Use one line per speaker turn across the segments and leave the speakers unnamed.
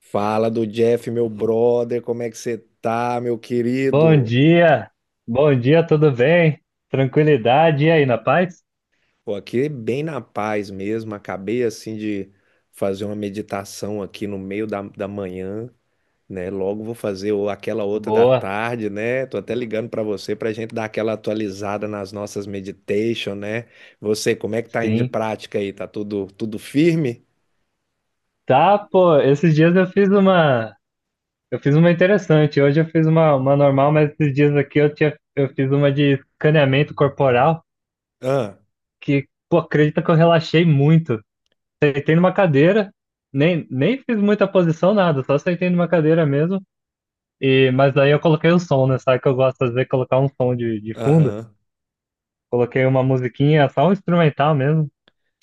Fala do Jeff, meu brother, como é que você tá, meu
Bom
querido?
dia, bom dia, tudo bem? Tranquilidade, e aí, na paz?
Pô, aqui bem na paz mesmo, acabei assim de fazer uma meditação aqui no meio da manhã, né? Logo vou fazer aquela outra da
Boa,
tarde, né? Tô até ligando pra você pra gente dar aquela atualizada nas nossas meditation, né? Você, como é que tá indo de
sim.
prática aí? Tá tudo firme?
Tá, pô, esses dias eu fiz eu fiz uma interessante, hoje eu fiz uma normal, mas esses dias aqui eu fiz uma de escaneamento corporal,
Ah,
que, pô, acredita que eu relaxei muito. Sentei numa cadeira, nem fiz muita posição, nada, só sentei numa cadeira mesmo, e, mas aí eu coloquei o som, né, sabe que eu gosto de fazer, colocar um som de fundo,
aham.
coloquei uma musiquinha, só um instrumental mesmo.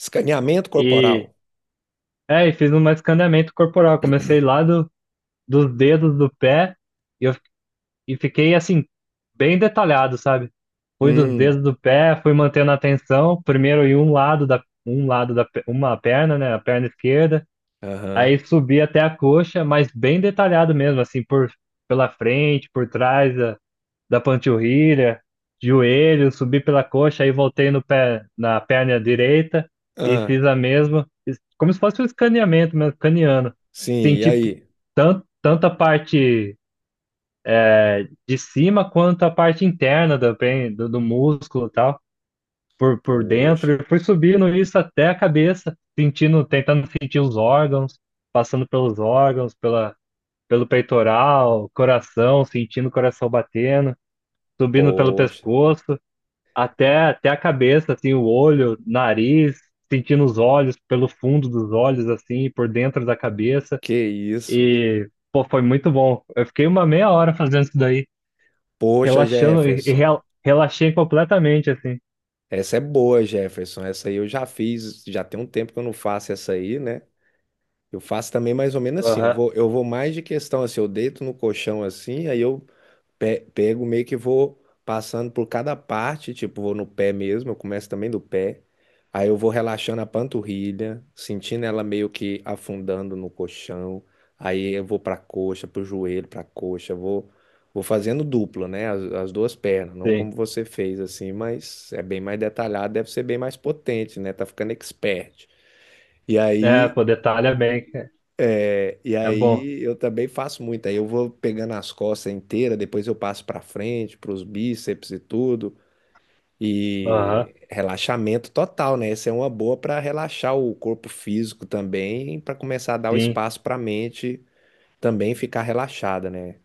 Escaneamento corporal?
E, e fiz um escaneamento corporal. Comecei dos dedos do pé e, eu, e fiquei assim, bem detalhado, sabe? Fui dos dedos
Hum,
do pé, fui mantendo a atenção, primeiro em um um lado uma perna, né? A perna esquerda. Aí
aham.
subi até a coxa, mas bem detalhado mesmo, assim, pela frente, por trás, da panturrilha, joelho, subi pela coxa, aí voltei no pé, na perna direita e
Ah,
fiz a como se fosse um escaneamento mesmo, escaneando.
sim, e
Senti
aí?
tanto a parte de cima quanto a parte interna do músculo e tal, por dentro.
Poxa.
E fui subindo isso até a cabeça, sentindo, tentando sentir os órgãos, passando pelos órgãos, pelo peitoral, coração, sentindo o coração batendo, subindo pelo
Poxa,
pescoço. Até a cabeça, assim, o olho, nariz, sentindo os olhos pelo fundo dos olhos, assim, por dentro da cabeça.
que isso.
E, pô, foi muito bom. Eu fiquei uma meia hora fazendo isso daí,
Poxa,
relaxando e, e
Jefferson.
rel- relaxei completamente, assim.
Essa é boa, Jefferson. Essa aí eu já fiz, já tem um tempo que eu não faço essa aí, né? Eu faço também mais ou menos assim. Eu
Aham,
vou, eu vou mais de questão assim, eu deito no colchão assim, aí eu pego meio que vou passando por cada parte, tipo, vou no pé mesmo, eu começo também do pé. Aí eu vou relaxando a panturrilha, sentindo ela meio que afundando no colchão. Aí eu vou pra coxa, pro joelho, pra coxa, vou fazendo duplo, né? As duas pernas, não
sim.
como você fez assim, mas é bem mais detalhado, deve ser bem mais potente, né? Tá ficando expert. E
É,
aí
pô, detalha bem, é,
é. E
é bom.
aí eu também faço muito. Aí eu vou pegando as costas inteiras, depois eu passo pra frente, pros bíceps e tudo.
Aham,
E relaxamento total, né? Essa é uma boa pra relaxar o corpo físico também, pra começar a dar o
sim.
espaço pra mente também ficar relaxada, né?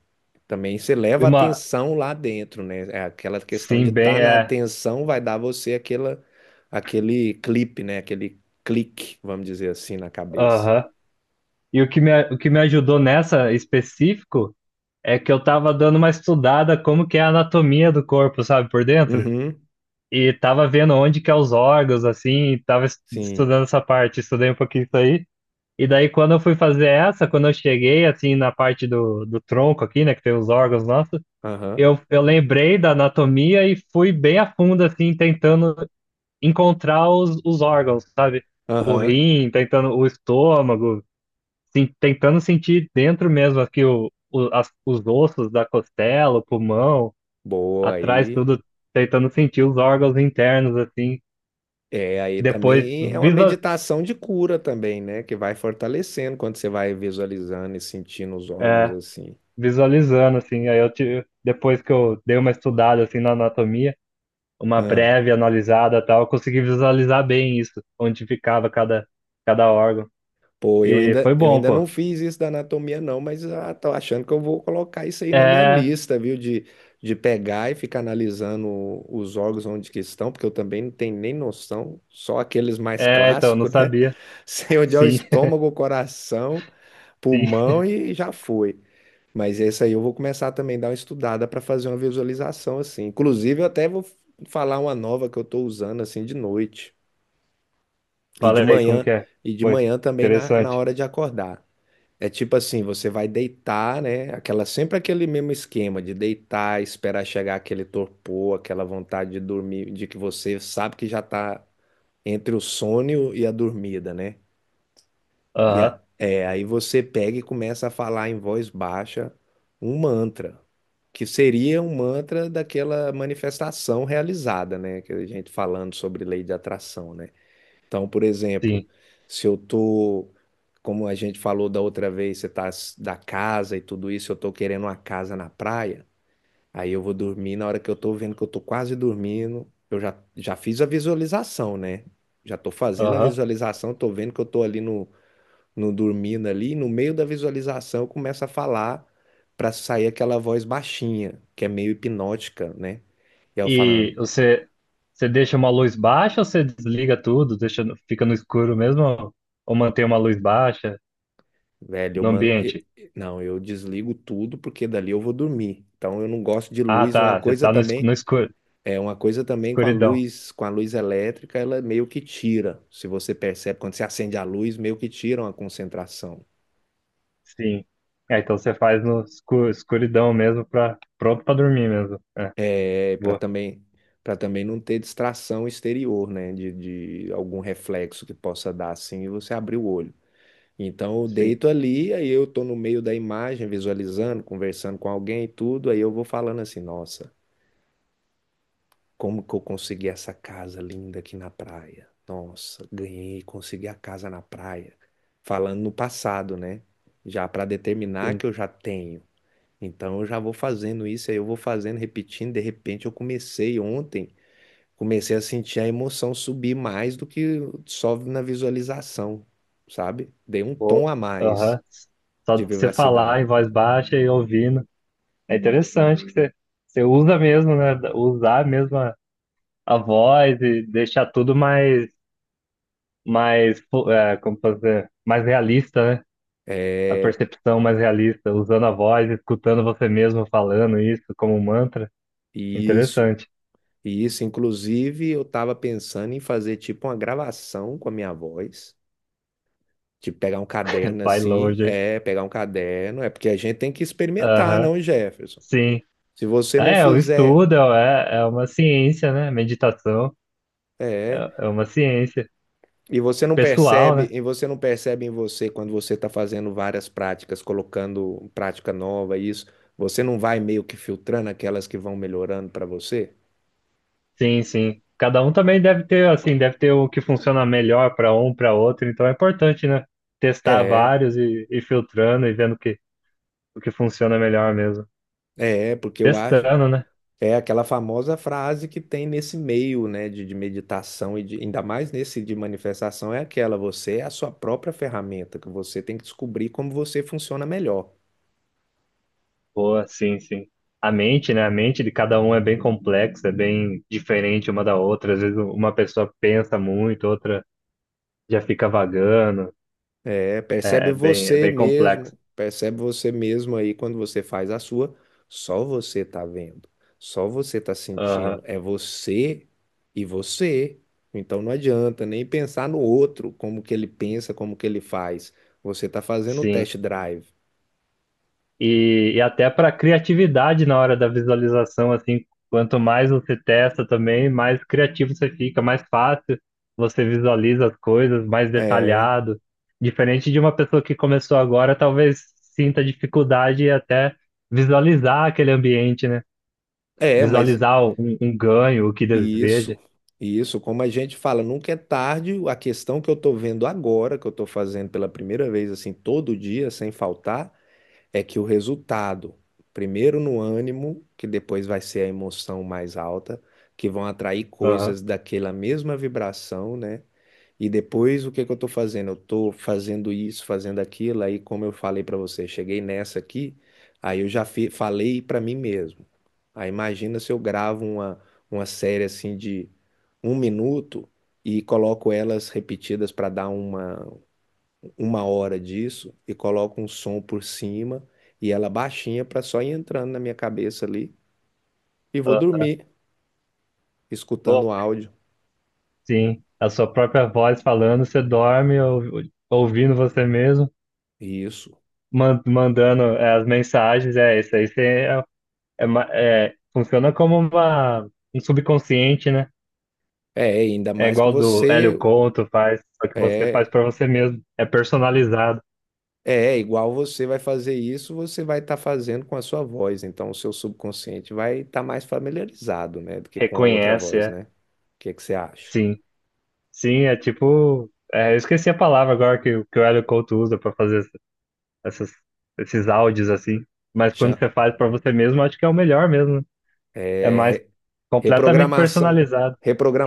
Também você
E
leva a
uma,
atenção lá dentro, né? É aquela questão de
sim, bem,
estar na
é,
atenção vai dar você aquela, aquele clipe, né? Aquele clique, vamos dizer assim, na cabeça.
aham. E o que me ajudou nessa específico é que eu tava dando uma estudada como que é a anatomia do corpo, sabe, por dentro.
Uhum,
E tava vendo onde que é os órgãos, assim, e tava
sim.
estudando essa parte, estudei um pouquinho isso aí. E daí, quando eu fui fazer essa, quando eu cheguei, assim, na parte do tronco aqui, né, que tem os órgãos nossos,
Aham.
eu lembrei da anatomia e fui bem a fundo, assim, tentando encontrar os órgãos, sabe? O
Aham,
rim, tentando o estômago, sim, tentando sentir dentro mesmo aqui os ossos da costela, o pulmão,
boa
atrás
aí.
tudo, tentando sentir os órgãos internos, assim
É, aí
depois
também é uma
visa,
meditação de cura também, né? Que vai fortalecendo quando você vai visualizando e sentindo os órgãos
é,
assim.
visualizando assim, aí eu tive, depois que eu dei uma estudada assim na anatomia, uma
Ah,
breve analisada, tal, eu consegui visualizar bem isso, onde ficava cada órgão.
pô, eu
E
ainda,
foi
eu
bom,
ainda
pô.
não fiz isso da anatomia não, mas ah, tô achando que eu vou colocar isso aí na minha
É,
lista, viu? De pegar e ficar analisando os órgãos onde que estão, porque eu também não tenho nem noção, só aqueles mais
então não
clássicos, né?
sabia.
Sei onde é o
Sim,
estômago, o coração,
sim.
pulmão e já foi. Mas esse aí eu vou começar também a dar uma estudada para fazer uma visualização assim. Inclusive, eu até vou falar uma nova que eu estou usando assim de noite e de
Fala aí como que
manhã
é.
e de
Foi
manhã também na
interessante.
hora de acordar. É tipo assim, você vai deitar, né? Aquela sempre aquele mesmo esquema de deitar, esperar chegar aquele torpor, aquela vontade de dormir, de que você sabe que já está entre o sono e a dormida, né?
Aham,
Aí você pega e começa a falar em voz baixa um mantra, que seria um mantra daquela manifestação realizada, né? Que a gente falando sobre lei de atração, né? Então, por exemplo,
sim.
se eu tô, como a gente falou da outra vez, da casa e tudo isso, eu tô querendo uma casa na praia, aí eu vou dormir, na hora que eu tô vendo que eu tô quase dormindo, eu já fiz a visualização, né? Já tô fazendo a
Aham.
visualização, tô vendo que eu tô ali no dormindo ali, no meio da visualização começa a falar para sair aquela voz baixinha, que é meio hipnótica, né? E aí eu
E
falando,
você você deixa uma luz baixa ou você desliga tudo, deixa fica no escuro mesmo ou mantém uma luz baixa
velho, eu,
no
man... eu-
ambiente?
não, eu desligo tudo porque dali eu vou dormir. Então eu não gosto de
Ah,
luz, uma
tá. Você
coisa
tá no
também,
escuro,
é uma coisa também
escuridão.
com a luz elétrica, ela meio que tira. Se você percebe quando você acende a luz, meio que tira uma concentração.
Sim. É, então você faz no escuridão mesmo, pra, pronto pra dormir mesmo. É,
É para
boa.
também Para também não ter distração exterior, né? De algum reflexo que possa dar assim e você abrir o olho. Então eu
Sim,
deito ali, aí eu tô no meio da imagem, visualizando, conversando com alguém e tudo, aí eu vou falando assim, nossa, como que eu consegui essa casa linda aqui na praia? Nossa, ganhei, consegui a casa na praia. Falando no passado, né? Já para determinar
sim.
que eu já tenho. Então eu já vou fazendo isso, aí eu vou fazendo, repetindo, de repente eu comecei ontem, comecei a sentir a emoção subir mais do que só na visualização, sabe? Dei um
Boa.
tom a mais
Aham. Só
de
de você falar
vivacidade.
em voz baixa e ouvindo. É interessante que você, você usa mesmo, né? Usar mesmo a voz e deixar tudo mais, mais, fo- é, como fazer, mais realista, né? A
É
percepção mais realista, usando a voz, escutando você mesmo falando isso como um mantra.
isso.
Interessante.
E isso, inclusive, eu estava pensando em fazer tipo uma gravação com a minha voz. Tipo,
Vai longe.
pegar um caderno, é porque a gente tem que experimentar,
Aham,
não, Jefferson?
sim.
Se você não
É, o
fizer,
estudo é, é é uma ciência, né? Meditação
é,
é, é uma ciência
e
pessoal, né?
você não percebe em você quando você está fazendo várias práticas, colocando prática nova, isso, você não vai meio que filtrando aquelas que vão melhorando para você?
Sim, sim. Cada um também deve ter, assim, deve ter o que funciona melhor para um, para outro. Então é importante, né? Testar
É,
vários e filtrando e vendo o que funciona melhor mesmo.
porque eu acho.
Testando, né?
É aquela famosa frase que tem nesse meio, né, de meditação ainda mais nesse de manifestação, é aquela, você é a sua própria ferramenta, que você tem que descobrir como você funciona melhor.
Boa, sim, sim. A mente, né? A mente de cada um é bem complexa, é bem diferente uma da outra. Às vezes uma pessoa pensa muito, outra já fica vagando.
É,
É, é bem complexo.
percebe você mesmo aí quando você faz a sua, só você tá vendo, só você tá
Aham,
sentindo, é você e você. Então não adianta nem pensar no outro, como que ele pensa, como que ele faz. Você tá fazendo o
sim.
test drive.
E até para criatividade na hora da visualização, assim, quanto mais você testa também, mais criativo você fica, mais fácil você visualiza as coisas, mais
É.
detalhado. Diferente de uma pessoa que começou agora, talvez sinta dificuldade até visualizar aquele ambiente, né?
É, mas
Visualizar um ganho, o que deseja.
isso, isso, como a gente fala, nunca é tarde. A questão que eu estou vendo agora, que eu estou fazendo pela primeira vez, assim, todo dia, sem faltar, é que o resultado, primeiro no ânimo, que depois vai ser a emoção mais alta, que vão atrair
Aham,
coisas daquela mesma vibração, né? E depois o que que eu estou fazendo? Eu estou fazendo isso, fazendo aquilo, aí como eu falei para você, cheguei nessa aqui, aí eu já falei para mim mesmo. Aí imagina se eu gravo uma série assim de um minuto e coloco elas repetidas para dar uma hora disso e coloco um som por cima e ela baixinha para só ir entrando na minha cabeça ali e vou
aham.
dormir
Bom,
escutando o áudio.
sim, a sua própria voz falando, você dorme ou- ouvindo você mesmo.
Isso.
Man- mandando é, as mensagens, é isso aí. Você é, é, ma- é, funciona como uma, um subconsciente, né?
É, ainda
É
mais que
igual do Hélio
você
Couto faz, só que você faz
é
para você mesmo. É personalizado,
é igual, você vai fazer isso, você vai estar fazendo com a sua voz, então o seu subconsciente vai estar mais familiarizado, né, do que com a outra
reconhece,
voz,
é.
né? O que que você acha?
Sim, sim, é tipo. É, eu esqueci a palavra agora que o Hélio Couto usa para fazer essas, esses áudios assim. Mas quando
Cha-
você faz para você mesmo, acho que é o melhor mesmo. Né? É
é,
mais
re-
completamente
reprogramação,
personalizado.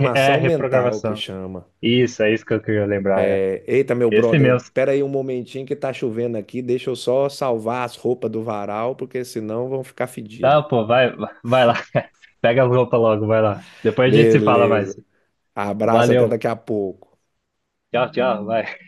Re- É
mental que
reprogramação.
chama.
Isso, é isso que eu queria lembrar. É.
É, eita, meu
Esse
brother,
mesmo.
pera aí um momentinho que tá chovendo aqui, deixa eu só salvar as roupas do varal, porque senão vão ficar fedidas.
Tá, pô, vai, vai lá. Pega a roupa logo, vai lá. Depois a gente se fala
Beleza.
mais.
Abraço, até
Valeu.
daqui a pouco.
Tchau, tchau, vai.